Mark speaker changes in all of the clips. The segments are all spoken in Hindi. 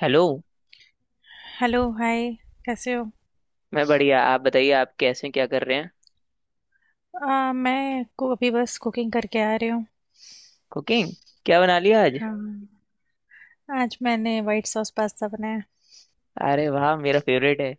Speaker 1: हेलो।
Speaker 2: Hello hi. कैसे हो?
Speaker 1: मैं बढ़िया, आप बताइए, आप कैसे हैं, क्या कर रहे हैं?
Speaker 2: मैं को अभी बस कुकिंग करके आ रही हूँ।
Speaker 1: कुकिंग? क्या बना लिया आज?
Speaker 2: हाँ। आज मैंने वाइट सॉस पास्ता बनाया।
Speaker 1: अरे वाह, मेरा फेवरेट है।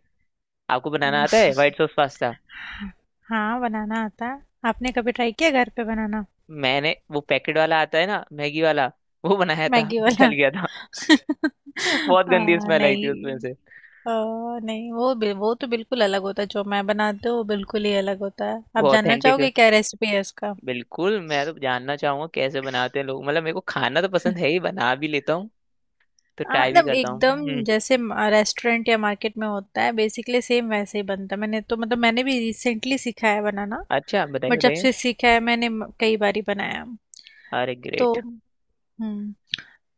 Speaker 1: आपको बनाना आता है व्हाइट सॉस पास्ता?
Speaker 2: हाँ। हाँ, बनाना आता है। आपने कभी ट्राई किया घर पे बनाना?
Speaker 1: मैंने वो पैकेट वाला आता है ना, मैगी वाला, वो बनाया था
Speaker 2: मैगी वाला।
Speaker 1: जल गया था। बहुत गंदी स्मेल आई थी
Speaker 2: नहीं।
Speaker 1: उसमें से।
Speaker 2: आ, नहीं, वो तो बिल्कुल अलग होता है जो मैं बनाती हूँ, वो बिल्कुल ही अलग होता है। आप
Speaker 1: वो
Speaker 2: जानना
Speaker 1: ऑथेंटिक।
Speaker 2: चाहोगे क्या रेसिपी है इसका?
Speaker 1: बिल्कुल, मैं तो जानना चाहूंगा कैसे बनाते हैं लोग। मतलब मेरे को खाना तो पसंद है ही, बना भी लेता हूँ, तो ट्राई
Speaker 2: ना
Speaker 1: भी करता हूँ।
Speaker 2: एकदम
Speaker 1: हम्म।
Speaker 2: जैसे रेस्टोरेंट या मार्केट में होता है बेसिकली सेम वैसे ही बनता है। मैंने तो मतलब मैंने भी रिसेंटली सीखा है बनाना।
Speaker 1: अच्छा बताइए,
Speaker 2: बट जब
Speaker 1: बताइए।
Speaker 2: से सीखा है मैंने कई बारी बनाया।
Speaker 1: अरे
Speaker 2: तो
Speaker 1: ग्रेट।
Speaker 2: हम्म।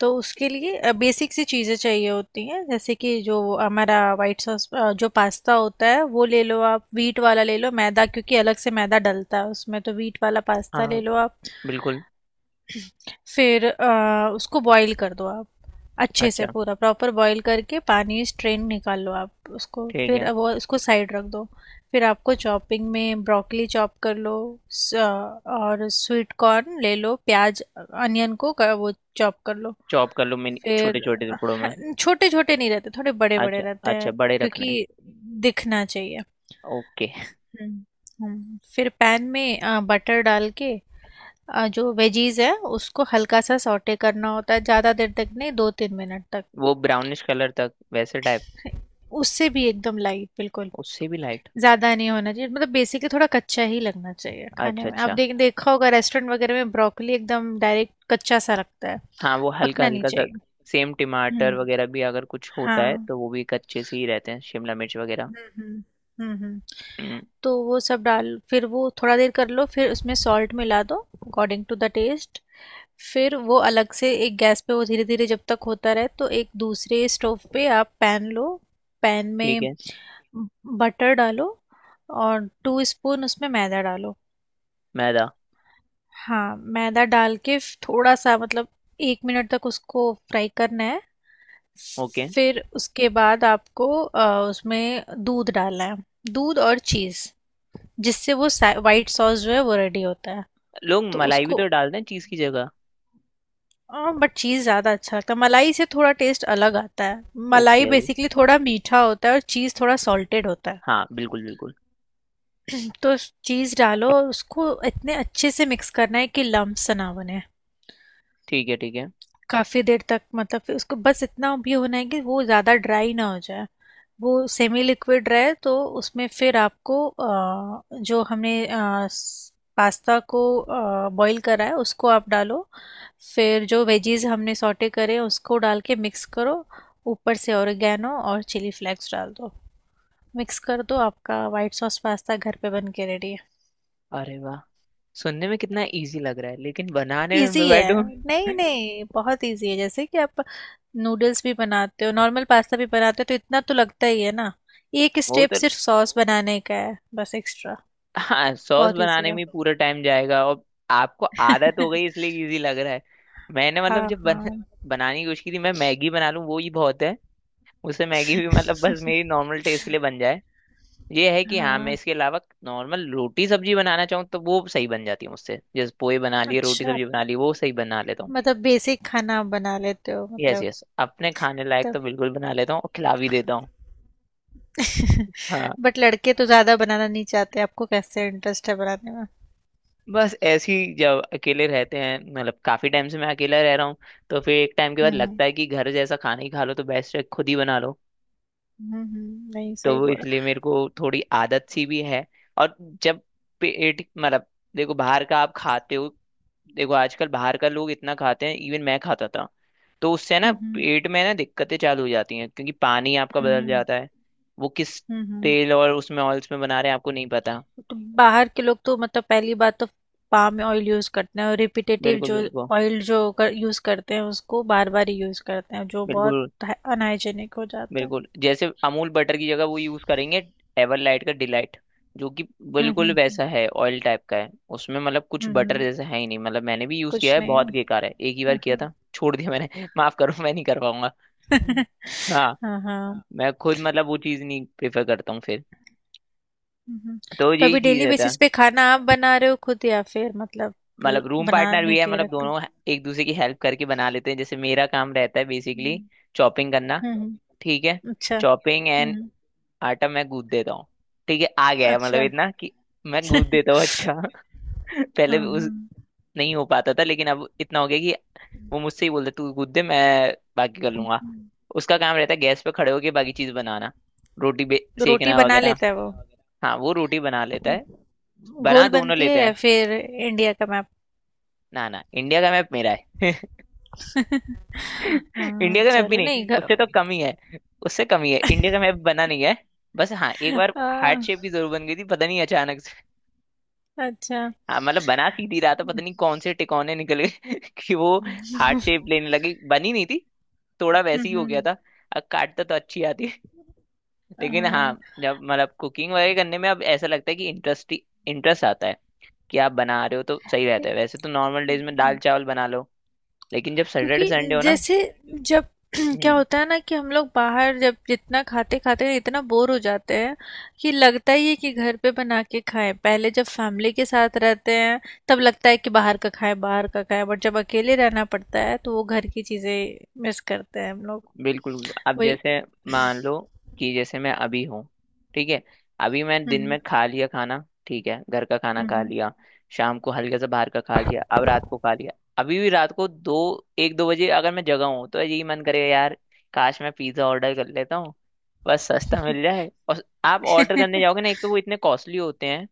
Speaker 2: तो उसके लिए बेसिक सी चीज़ें चाहिए होती हैं, जैसे कि जो हमारा वाइट सॉस जो पास्ता होता है वो ले लो आप, वीट वाला ले लो मैदा, क्योंकि अलग से मैदा डलता है उसमें, तो वीट वाला पास्ता
Speaker 1: हाँ,
Speaker 2: ले लो आप।
Speaker 1: बिल्कुल।
Speaker 2: फिर उसको बॉईल कर दो आप। अच्छे से
Speaker 1: अच्छा,
Speaker 2: पूरा प्रॉपर बॉईल करके पानी स्ट्रेन निकाल लो आप उसको,
Speaker 1: ठीक
Speaker 2: फिर
Speaker 1: है।
Speaker 2: अब वो उसको साइड रख दो। फिर आपको चॉपिंग में ब्रोकली चॉप कर लो। स- और स्वीट कॉर्न ले लो। प्याज अनियन को वो चॉप कर लो।
Speaker 1: चॉप कर लो, मिनी छोटे छोटे टुकड़ों में?
Speaker 2: फिर छोटे छोटे नहीं रहते, थोड़े बड़े बड़े
Speaker 1: अच्छा
Speaker 2: रहते
Speaker 1: अच्छा,
Speaker 2: हैं,
Speaker 1: बड़े रखने हैं।
Speaker 2: क्योंकि दिखना चाहिए।
Speaker 1: ओके।
Speaker 2: हम्म। हम्म। फिर पैन में बटर डाल के जो वेजीज है उसको हल्का सा सौटे करना होता है, ज़्यादा देर तक नहीं, दो तीन मिनट तक।
Speaker 1: वो ब्राउनिश कलर तक वैसे टाइप?
Speaker 2: उससे भी एकदम लाइट बिल्कुल।
Speaker 1: उससे भी लाइट?
Speaker 2: ज्यादा नहीं होना चाहिए, मतलब बेसिकली थोड़ा कच्चा ही लगना चाहिए खाने
Speaker 1: अच्छा
Speaker 2: में। आप
Speaker 1: अच्छा,
Speaker 2: देखा होगा रेस्टोरेंट वगैरह में ब्रोकली एकदम डायरेक्ट कच्चा सा लगता है,
Speaker 1: हाँ वो हल्का
Speaker 2: पकना नहीं
Speaker 1: हल्का सा।
Speaker 2: चाहिए।
Speaker 1: सेम टमाटर
Speaker 2: हम्म।
Speaker 1: वगैरह भी अगर कुछ होता है
Speaker 2: हाँ।
Speaker 1: तो वो भी कच्चे से ही रहते हैं, शिमला मिर्च वगैरह।
Speaker 2: हम्म। हम्म हम्म।
Speaker 1: हम्म।
Speaker 2: तो वो सब डाल फिर वो थोड़ा देर कर लो, फिर उसमें सॉल्ट मिला दो, अकॉर्डिंग टू द टेस्ट। फिर वो अलग से एक गैस पे वो धीरे धीरे जब तक होता रहे, तो एक दूसरे स्टोव पे आप पैन लो। पैन
Speaker 1: ठीक
Speaker 2: में
Speaker 1: है।
Speaker 2: बटर डालो और टू स्पून उसमें मैदा डालो।
Speaker 1: मैदा?
Speaker 2: हाँ, मैदा डाल के थोड़ा सा मतलब एक मिनट तक उसको फ्राई करना है।
Speaker 1: ओके।
Speaker 2: फिर उसके बाद आपको उसमें दूध डालना है। दूध और चीज़, जिससे वो वाइट सॉस जो है वो रेडी होता है।
Speaker 1: लोग
Speaker 2: तो
Speaker 1: मलाई भी तो
Speaker 2: उसको,
Speaker 1: डालते हैं चीज़ की जगह।
Speaker 2: हाँ, बट चीज़ ज़्यादा अच्छा लगता है, मलाई से थोड़ा टेस्ट अलग आता है।
Speaker 1: ओके।
Speaker 2: मलाई
Speaker 1: अभी
Speaker 2: बेसिकली थोड़ा मीठा होता है और चीज़ थोड़ा सॉल्टेड होता है।
Speaker 1: हाँ, बिल्कुल बिल्कुल।
Speaker 2: तो चीज़ डालो और उसको इतने अच्छे से मिक्स करना है कि लम्प्स ना बने।
Speaker 1: ठीक है ठीक है।
Speaker 2: काफ़ी देर तक, मतलब फिर उसको बस इतना भी होना है कि वो ज़्यादा ड्राई ना हो जाए, वो सेमी लिक्विड रहे। तो उसमें फिर आपको जो हमने पास्ता को बॉईल करा है उसको आप डालो। फिर जो वेजीज हमने सॉटे करे हैं, उसको डाल के मिक्स करो। ऊपर से ओरिगेनो और चिली फ्लेक्स डाल दो। मिक्स कर दो। आपका वाइट सॉस पास्ता घर पे बन के रेडी है।
Speaker 1: अरे वाह, सुनने में कितना इजी लग रहा है, लेकिन बनाने में
Speaker 2: इजी
Speaker 1: मैं
Speaker 2: है।
Speaker 1: बैठूं।
Speaker 2: नहीं नहीं, बहुत इजी है। जैसे कि आप नूडल्स भी बनाते हो, नॉर्मल पास्ता भी बनाते हो, तो इतना तो लगता ही है ना। एक
Speaker 1: वो
Speaker 2: स्टेप
Speaker 1: तो
Speaker 2: सिर्फ सॉस बनाने का है बस एक्स्ट्रा।
Speaker 1: हाँ, सॉस
Speaker 2: बहुत इजी
Speaker 1: बनाने
Speaker 2: है।
Speaker 1: में पूरा टाइम जाएगा। और आपको आदत हो गई इसलिए इजी लग रहा है। मैंने मतलब
Speaker 2: हाँ हाँ
Speaker 1: बनाने की कोशिश की थी। मैं मैगी बना लूँ वो ही बहुत है। उससे मैगी भी मतलब बस मेरी नॉर्मल टेस्ट के लिए बन जाए, ये है कि। हाँ, मैं
Speaker 2: हाँ।
Speaker 1: इसके अलावा नॉर्मल रोटी सब्जी बनाना चाहूँ तो वो सही बन जाती है मुझसे। जैसे पोहे बना लिए, रोटी
Speaker 2: अच्छा,
Speaker 1: सब्जी बना ली, वो सही बना लेता हूँ।
Speaker 2: मतलब बेसिक खाना आप बना लेते हो
Speaker 1: यस
Speaker 2: मतलब।
Speaker 1: यस, अपने खाने लायक
Speaker 2: तब।
Speaker 1: तो बिल्कुल बना लेता हूँ, और खिला भी देता हूँ। हाँ,
Speaker 2: बट लड़के तो ज्यादा बनाना नहीं चाहते, आपको कैसे इंटरेस्ट है बनाने में?
Speaker 1: बस ऐसे ही, जब अकेले रहते हैं, मतलब काफी टाइम से मैं अकेला रह रहा हूँ, तो फिर एक टाइम के बाद
Speaker 2: हम्म।
Speaker 1: लगता है कि घर जैसा खाना ही खा लो तो बेस्ट है, खुद ही बना लो।
Speaker 2: नहीं
Speaker 1: तो
Speaker 2: सही
Speaker 1: वो
Speaker 2: बोला।
Speaker 1: इसलिए मेरे को थोड़ी आदत सी भी है। और जब पेट मतलब, देखो बाहर का आप खाते हो, देखो आजकल बाहर का लोग इतना खाते हैं, इवन मैं खाता था। तो उससे ना
Speaker 2: हम्म।
Speaker 1: पेट में ना दिक्कतें चालू हो जाती हैं, क्योंकि पानी आपका बदल
Speaker 2: हम्म।
Speaker 1: जाता है। वो किस
Speaker 2: हम्म हम्म।
Speaker 1: तेल और उसमें ऑयल्स में बना रहे हैं आपको नहीं पता।
Speaker 2: तो बाहर के लोग तो मतलब पहली बात तो पाम ऑयल यूज़ करते हैं और रिपीटेटिव
Speaker 1: बिल्कुल
Speaker 2: जो
Speaker 1: बिल्कुल।
Speaker 2: ऑयल यूज़ करते हैं उसको बार बार ही यूज़ करते हैं, जो बहुत
Speaker 1: बिल्कुल,
Speaker 2: अनहाइजेनिक हो जाता है।
Speaker 1: बिल्कुल जैसे अमूल बटर की जगह वो यूज करेंगे एवरलाइट का डिलाइट, जो कि बिल्कुल
Speaker 2: हम्म।
Speaker 1: वैसा है, ऑयल टाइप का है। उसमें मतलब कुछ
Speaker 2: हम्म हम्म,
Speaker 1: बटर
Speaker 2: हम्म,
Speaker 1: जैसा है ही नहीं। मतलब मैंने भी यूज किया
Speaker 2: कुछ
Speaker 1: है,
Speaker 2: नहीं है।
Speaker 1: बहुत बेकार है, एक ही बार
Speaker 2: हाँ
Speaker 1: किया
Speaker 2: हाँ।
Speaker 1: था, छोड़ दिया मैंने। माफ करो, मैं नहीं कर पाऊंगा। हाँ,
Speaker 2: हाँ, हाँ,
Speaker 1: मैं खुद मतलब वो चीज नहीं प्रेफर करता हूँ फिर।
Speaker 2: हम्म।
Speaker 1: तो
Speaker 2: तो
Speaker 1: यही
Speaker 2: अभी
Speaker 1: चीज
Speaker 2: डेली
Speaker 1: रहता है।
Speaker 2: बेसिस पे खाना आप बना रहे हो खुद, या फिर मतलब
Speaker 1: मतलब रूम पार्टनर
Speaker 2: बनाने
Speaker 1: भी है,
Speaker 2: के
Speaker 1: मतलब
Speaker 2: रखते हो?
Speaker 1: दोनों एक दूसरे की हेल्प करके बना लेते हैं। जैसे मेरा काम रहता है बेसिकली
Speaker 2: हम्म।
Speaker 1: चॉपिंग करना।
Speaker 2: हम्म,
Speaker 1: ठीक है।
Speaker 2: अच्छा।
Speaker 1: चॉपिंग
Speaker 2: हम्म
Speaker 1: एंड
Speaker 2: हम्म।
Speaker 1: आटा मैं गूंथ देता हूँ। ठीक है, आ गया है मतलब
Speaker 2: अच्छा।
Speaker 1: इतना कि मैं गूंथ देता हूँ, अच्छा। पहले
Speaker 2: हाँ हाँ।
Speaker 1: उस नहीं हो पाता था, लेकिन अब इतना हो गया कि वो मुझसे ही बोलते तू गूंथ दे, मैं बाकी कर लूंगा।
Speaker 2: हम्म।
Speaker 1: उसका काम रहता है गैस पे खड़े होके बाकी चीज बनाना,
Speaker 2: तो रोटी
Speaker 1: सेकना
Speaker 2: बना
Speaker 1: वगैरह।
Speaker 2: लेता है वो?
Speaker 1: हाँ वो रोटी बना लेता है, बना
Speaker 2: गोल
Speaker 1: दोनों
Speaker 2: बनती
Speaker 1: लेते
Speaker 2: है या
Speaker 1: हैं।
Speaker 2: फिर इंडिया का मैप?
Speaker 1: ना ना, इंडिया का मैप मेरा है।
Speaker 2: हाँ,
Speaker 1: इंडिया का मैप भी
Speaker 2: चलो
Speaker 1: नहीं,
Speaker 2: नहीं
Speaker 1: उससे तो कम ही है। उससे कम ही है, इंडिया का मैप बना नहीं है। बस हाँ, एक बार
Speaker 2: आ,
Speaker 1: हार्ट शेप की जरूर बन गई थी, पता नहीं अचानक।
Speaker 2: अच्छा।
Speaker 1: हाँ मतलब बना सीधी रहा था, पता नहीं कौन से टिकौने निकल गए कि वो
Speaker 2: हम्म
Speaker 1: हार्ट शेप लेने लगी। बनी नहीं थी, थोड़ा वैसे ही हो गया
Speaker 2: हम्म,
Speaker 1: था। अब काटता तो अच्छी आती है। लेकिन हाँ,
Speaker 2: हाँ,
Speaker 1: जब मतलब कुकिंग वगैरह करने में अब ऐसा लगता है कि इंटरेस्ट इंटरेस्ट आता है, कि आप बना रहे हो तो सही रहता
Speaker 2: ठीक।
Speaker 1: है। वैसे तो नॉर्मल डेज में दाल चावल बना लो, लेकिन जब सैटरडे
Speaker 2: क्योंकि
Speaker 1: संडे हो ना।
Speaker 2: जैसे जब क्या
Speaker 1: हम्म।
Speaker 2: होता है ना कि हम लोग बाहर जब जितना खाते खाते इतना बोर हो जाते हैं कि लगता ही है कि घर पे बना के खाएं। पहले जब फैमिली के साथ रहते हैं तब लगता है कि बाहर का खाएं बाहर का खाएं, बट जब अकेले रहना पड़ता है तो वो घर की चीजें मिस करते हैं हम लोग।
Speaker 1: बिल्कुल, अब
Speaker 2: वही।
Speaker 1: जैसे मान लो कि जैसे मैं अभी हूँ, ठीक है, अभी मैं दिन
Speaker 2: हम्म
Speaker 1: में खा लिया खाना, ठीक है, घर का खाना खा
Speaker 2: हम्म।
Speaker 1: लिया, शाम को हल्का सा बाहर का खा लिया, अब रात को खा लिया। अभी भी रात को दो एक दो बजे अगर मैं जगा हूँ तो यही मन करेगा, यार काश मैं पिज्ज़ा ऑर्डर कर लेता हूँ। बस सस्ता मिल जाए, और आप ऑर्डर करने जाओगे ना, एक तो वो इतने कॉस्टली होते हैं।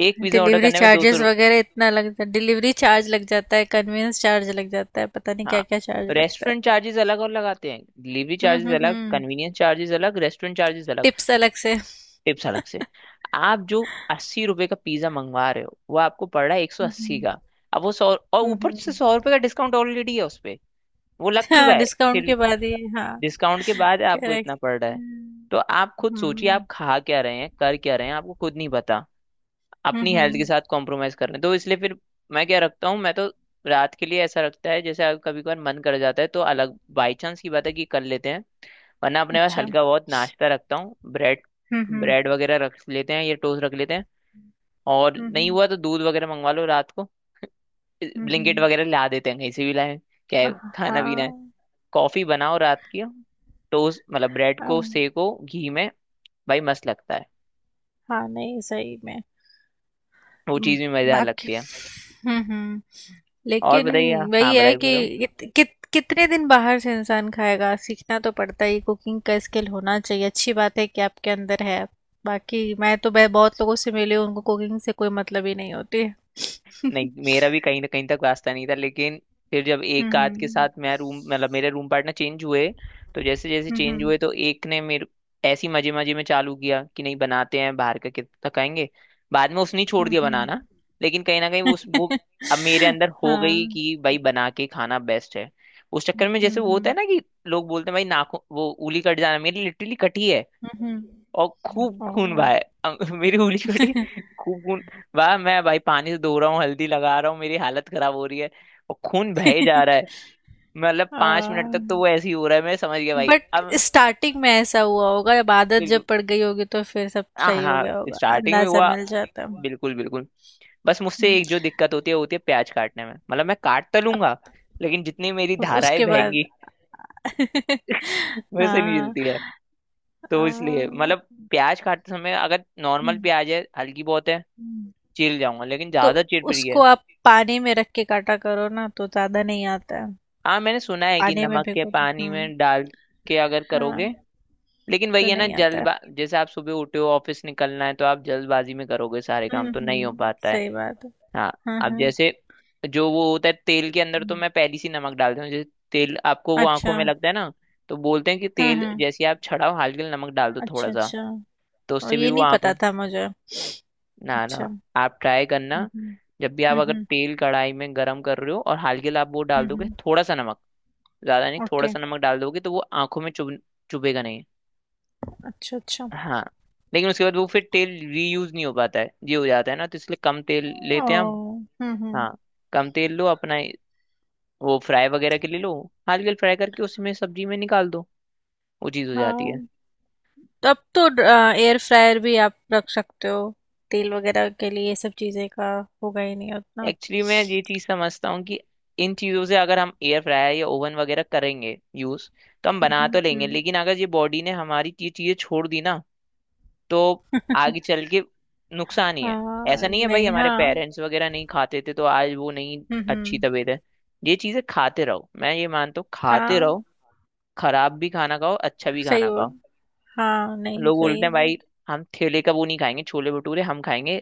Speaker 1: एक पिज्ज़ा ऑर्डर
Speaker 2: डिलीवरी
Speaker 1: करने में दो सौ
Speaker 2: चार्जेस
Speaker 1: रुपये।
Speaker 2: वगैरह इतना लग जाता है, डिलीवरी चार्ज लग जाता है, कन्वेंस चार्ज लग जाता है, पता नहीं
Speaker 1: हाँ,
Speaker 2: क्या क्या चार्ज लगता है।
Speaker 1: रेस्टोरेंट चार्जेस अलग और लगाते हैं, डिलीवरी चार्जेस अलग,
Speaker 2: हम्म।
Speaker 1: कन्वीनियंस चार्जेस अलग, रेस्टोरेंट चार्जेस अलग।
Speaker 2: टिप्स अलग से।
Speaker 1: टिप्स अलग से। आप जो 80 रुपए का पिज्जा मंगवा रहे हो, वो आपको पड़ रहा है 180
Speaker 2: हम्म
Speaker 1: का। अब वो सौ, और ऊपर से
Speaker 2: हम्म।
Speaker 1: 100 रुपए का डिस्काउंट ऑलरेडी है उस पे, वो लग चुका
Speaker 2: हाँ।
Speaker 1: है।
Speaker 2: डिस्काउंट
Speaker 1: फिर
Speaker 2: के बाद ही। हाँ।
Speaker 1: डिस्काउंट के बाद आपको इतना
Speaker 2: करेक्ट।
Speaker 1: पड़ रहा है।
Speaker 2: हम्म।
Speaker 1: तो आप खुद सोचिए
Speaker 2: हम्म
Speaker 1: आप खा क्या रहे हैं, कर क्या रहे हैं, आपको खुद नहीं पता। अपनी हेल्थ के
Speaker 2: हम्म,
Speaker 1: साथ कॉम्प्रोमाइज कर रहे हैं, तो इसलिए फिर मैं क्या रखता हूँ। मैं तो रात के लिए ऐसा रखता है, जैसे कभी कभार मन कर जाता है तो अलग, बाई चांस की बात है कि कर लेते हैं, वरना अपने पास
Speaker 2: अच्छा।
Speaker 1: हल्का बहुत नाश्ता रखता हूँ, ब्रेड।
Speaker 2: हम्म।
Speaker 1: ब्रेड वगैरह रख लेते हैं, या टोस्ट रख लेते हैं। और नहीं हुआ तो दूध वगैरह मंगवा लो रात को, ब्लिंकेट
Speaker 2: हम्म।
Speaker 1: वगैरह ला देते हैं, कहीं से भी लाए। क्या है, खाना
Speaker 2: हाँ
Speaker 1: पीना है। कॉफी बनाओ रात की। टोस्ट, मतलब ब्रेड
Speaker 2: हाँ।
Speaker 1: को सेको घी में, भाई मस्त लगता है।
Speaker 2: हाँ, नहीं सही में।
Speaker 1: वो
Speaker 2: म,
Speaker 1: चीज़ भी मजेदार
Speaker 2: बाकी।
Speaker 1: लगती है।
Speaker 2: हम्म।
Speaker 1: और
Speaker 2: लेकिन
Speaker 1: बताइए। हाँ
Speaker 2: वही है
Speaker 1: बताइए, बताओ।
Speaker 2: कि कित, कित, कितने दिन बाहर से इंसान खाएगा, सीखना तो पड़ता ही। कुकिंग का स्किल होना चाहिए, अच्छी बात है कि आपके अंदर है। बाकी मैं तो मैं बहुत लोगों से मिली हूँ, उनको कुकिंग से कोई मतलब ही नहीं होती।
Speaker 1: नहीं, मेरा भी कहीं ना कहीं तक वास्ता नहीं था, लेकिन फिर जब
Speaker 2: हुँ,
Speaker 1: एक आध के साथ
Speaker 2: हुँ।
Speaker 1: मैं रूम, मतलब मेरे रूम पार्टनर चेंज हुए, तो जैसे जैसे
Speaker 2: हुँ,
Speaker 1: चेंज
Speaker 2: हुँ।
Speaker 1: हुए, तो एक ने मेरे ऐसी मजे मजे में चालू किया कि नहीं, बनाते हैं, बाहर का कितना खाएंगे। बाद में उसने ही छोड़
Speaker 2: हुँ,
Speaker 1: दिया
Speaker 2: हुँ।
Speaker 1: बनाना, लेकिन कहीं ना कहीं उस वो अब मेरे अंदर हो गई
Speaker 2: हाँ।
Speaker 1: कि भाई बना के खाना बेस्ट है। उस चक्कर में,
Speaker 2: हुँ,
Speaker 1: जैसे वो होता है
Speaker 2: हुँ।
Speaker 1: ना कि लोग बोलते हैं भाई नाखून वो उंगली कट जाना, मेरी लिटरली कटी है,
Speaker 2: हुँ, हुँ।
Speaker 1: और खूब खून
Speaker 2: ओह!
Speaker 1: भाई। मेरी उंगली कटी, खूब खून। वाह, मैं भाई पानी से धो रहा हूँ, हल्दी लगा रहा हूँ, मेरी हालत खराब हो रही है और खून बहे जा रहा है। मतलब 5 मिनट
Speaker 2: अ,
Speaker 1: तक तो वो ऐसे ही हो रहा है, मैं समझ गया भाई
Speaker 2: बट
Speaker 1: अब।
Speaker 2: स्टार्टिंग में ऐसा हुआ होगा, जब आदत जब
Speaker 1: बिल्कुल,
Speaker 2: पड़ गई होगी तो फिर सब
Speaker 1: हाँ
Speaker 2: सही हो
Speaker 1: हाँ,
Speaker 2: गया होगा,
Speaker 1: स्टार्टिंग में
Speaker 2: अंदाज़ा
Speaker 1: हुआ,
Speaker 2: मिल जाता है।
Speaker 1: बिल्कुल बिल्कुल। बस मुझसे
Speaker 2: हुँ,
Speaker 1: एक जो दिक्कत होती है वो होती है प्याज काटने में। मतलब मैं काट तो लूंगा, लेकिन जितनी मेरी
Speaker 2: अब
Speaker 1: धाराएं
Speaker 2: उसके बाद।
Speaker 1: बहेंगी। वैसे नहीं
Speaker 2: हाँ,
Speaker 1: जलती है, तो इसलिए
Speaker 2: हाँ।
Speaker 1: मतलब प्याज काटते समय अगर
Speaker 2: हुँ,
Speaker 1: नॉर्मल प्याज है हल्की बहुत है,
Speaker 2: हुँ।
Speaker 1: चीर जाऊंगा, लेकिन
Speaker 2: तो
Speaker 1: ज्यादा चीर पड़ी।
Speaker 2: उसको आप पानी में रख के काटा करो ना, तो ज़्यादा नहीं आता है,
Speaker 1: हाँ, मैंने सुना है कि
Speaker 2: पानी में
Speaker 1: नमक के
Speaker 2: भिगो दो।
Speaker 1: पानी
Speaker 2: हुँ।
Speaker 1: में डाल के अगर करोगे।
Speaker 2: हाँ,
Speaker 1: लेकिन वही
Speaker 2: तो
Speaker 1: है ना,
Speaker 2: नहीं आता है।
Speaker 1: जल्दबा जैसे आप सुबह उठे हो ऑफिस निकलना है, तो आप जल्दबाजी में करोगे, सारे काम तो नहीं हो
Speaker 2: हम्म,
Speaker 1: पाता है।
Speaker 2: सही बात है।
Speaker 1: हाँ,
Speaker 2: हाँ
Speaker 1: अब
Speaker 2: हाँ।
Speaker 1: जैसे जो वो होता है तेल के अंदर, तो
Speaker 2: हम्म,
Speaker 1: मैं पहली सी नमक डालती हूँ। जैसे तेल आपको वो
Speaker 2: अच्छा।
Speaker 1: आंखों में लगता है ना, तो बोलते हैं कि तेल
Speaker 2: हम्म।
Speaker 1: जैसे ही आप छड़ाओ, हल्के से नमक डाल दो, थोड़ा
Speaker 2: अच्छा
Speaker 1: सा,
Speaker 2: अच्छा।
Speaker 1: तो
Speaker 2: और
Speaker 1: उससे भी
Speaker 2: ये
Speaker 1: वो
Speaker 2: नहीं
Speaker 1: आंखों।
Speaker 2: पता था मुझे।
Speaker 1: ना ना,
Speaker 2: अच्छा।
Speaker 1: आप ट्राई
Speaker 2: हम्म
Speaker 1: करना,
Speaker 2: हम्म।
Speaker 1: जब भी आप अगर तेल कढ़ाई में गर्म कर रहे हो और हल्के से आप वो डाल दोगे
Speaker 2: हम्म।
Speaker 1: थोड़ा सा नमक, ज्यादा नहीं, थोड़ा
Speaker 2: ओके।
Speaker 1: सा नमक डाल दोगे, तो वो आंखों में चुभ, चुभेगा नहीं।
Speaker 2: अच्छा अच्छा।
Speaker 1: हाँ, लेकिन उसके बाद वो फिर तेल रीयूज नहीं हो पाता है, ये हो जाता है ना, तो इसलिए कम तेल
Speaker 2: ओ।
Speaker 1: लेते हैं हम।
Speaker 2: हम्म।
Speaker 1: हाँ, कम तेल लो अपना। वो फ्राई वगैरह के लिए लो, हल्के फ्राई करके उसमें सब्जी में निकाल दो, वो चीज़ हो जाती है।
Speaker 2: हाँ, तब तो एयर फ्रायर भी आप रख सकते हो तेल वगैरह के लिए, ये सब चीज़ें का होगा ही नहीं उतना।
Speaker 1: एक्चुअली मैं ये चीज़ समझता हूँ कि इन चीज़ों से अगर हम एयर फ्रायर या ओवन वगैरह करेंगे यूज़, तो हम बना तो लेंगे,
Speaker 2: हम्म।
Speaker 1: लेकिन अगर ये बॉडी ने हमारी ये चीज़ें छोड़ दी ना, तो आगे चल के नुकसान ही है। ऐसा
Speaker 2: हाँ,
Speaker 1: नहीं है, भाई
Speaker 2: नहीं
Speaker 1: हमारे
Speaker 2: हाँ।
Speaker 1: पेरेंट्स वगैरह नहीं खाते थे तो आज वो नहीं अच्छी
Speaker 2: हम्म।
Speaker 1: तबीयत है। ये चीजें खाते रहो, मैं ये मानता हूँ, खाते
Speaker 2: हाँ,
Speaker 1: रहो, खराब भी खाना खाओ, अच्छा भी
Speaker 2: सही
Speaker 1: खाना खाओ।
Speaker 2: बोल। हाँ, नहीं,
Speaker 1: लोग बोलते
Speaker 2: सही
Speaker 1: हैं भाई
Speaker 2: बात
Speaker 1: हम ठेले का वो नहीं खाएंगे, छोले भटूरे हम खाएंगे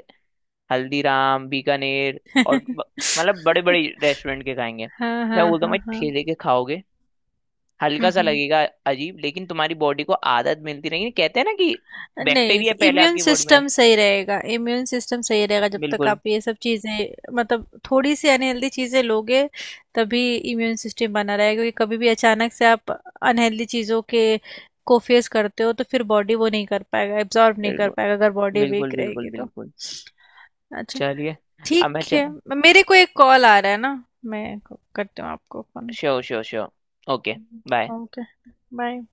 Speaker 1: हल्दीराम बीकानेर
Speaker 2: है।
Speaker 1: और मतलब बड़े बड़े रेस्टोरेंट के खाएंगे।
Speaker 2: हाँ,
Speaker 1: मैं
Speaker 2: हाँ,
Speaker 1: बोलता हूँ
Speaker 2: हाँ,
Speaker 1: भाई
Speaker 2: हाँ।
Speaker 1: ठेले के खाओगे,
Speaker 2: हुँ,
Speaker 1: हल्का सा
Speaker 2: हुँ।
Speaker 1: लगेगा अजीब, लेकिन तुम्हारी बॉडी को आदत मिलती रहेगी। कहते हैं ना कि
Speaker 2: नहीं,
Speaker 1: बैक्टीरिया पहले
Speaker 2: इम्यून
Speaker 1: आपकी बॉडी में।
Speaker 2: सिस्टम सही रहेगा। इम्यून सिस्टम सही रहेगा जब तक
Speaker 1: बिल्कुल,
Speaker 2: आप ये सब चीज़ें मतलब थोड़ी सी अनहेल्दी चीज़ें लोगे, तभी इम्यून सिस्टम बना रहेगा। क्योंकि कभी भी अचानक से आप अनहेल्दी चीज़ों के को फेस करते हो, तो फिर बॉडी वो नहीं कर पाएगा, एब्जॉर्ब नहीं कर
Speaker 1: बिल्कुल
Speaker 2: पाएगा अगर बॉडी वीक
Speaker 1: बिल्कुल बिल्कुल
Speaker 2: रहेगी तो।
Speaker 1: बिल्कुल।
Speaker 2: अच्छा।
Speaker 1: चलिए, अब मैं
Speaker 2: ठीक
Speaker 1: च
Speaker 2: है। मेरे को एक कॉल आ रहा है ना, मैं करती हूँ आपको phone.
Speaker 1: Sure sure sure. Okay, bye.
Speaker 2: Okay. Bye.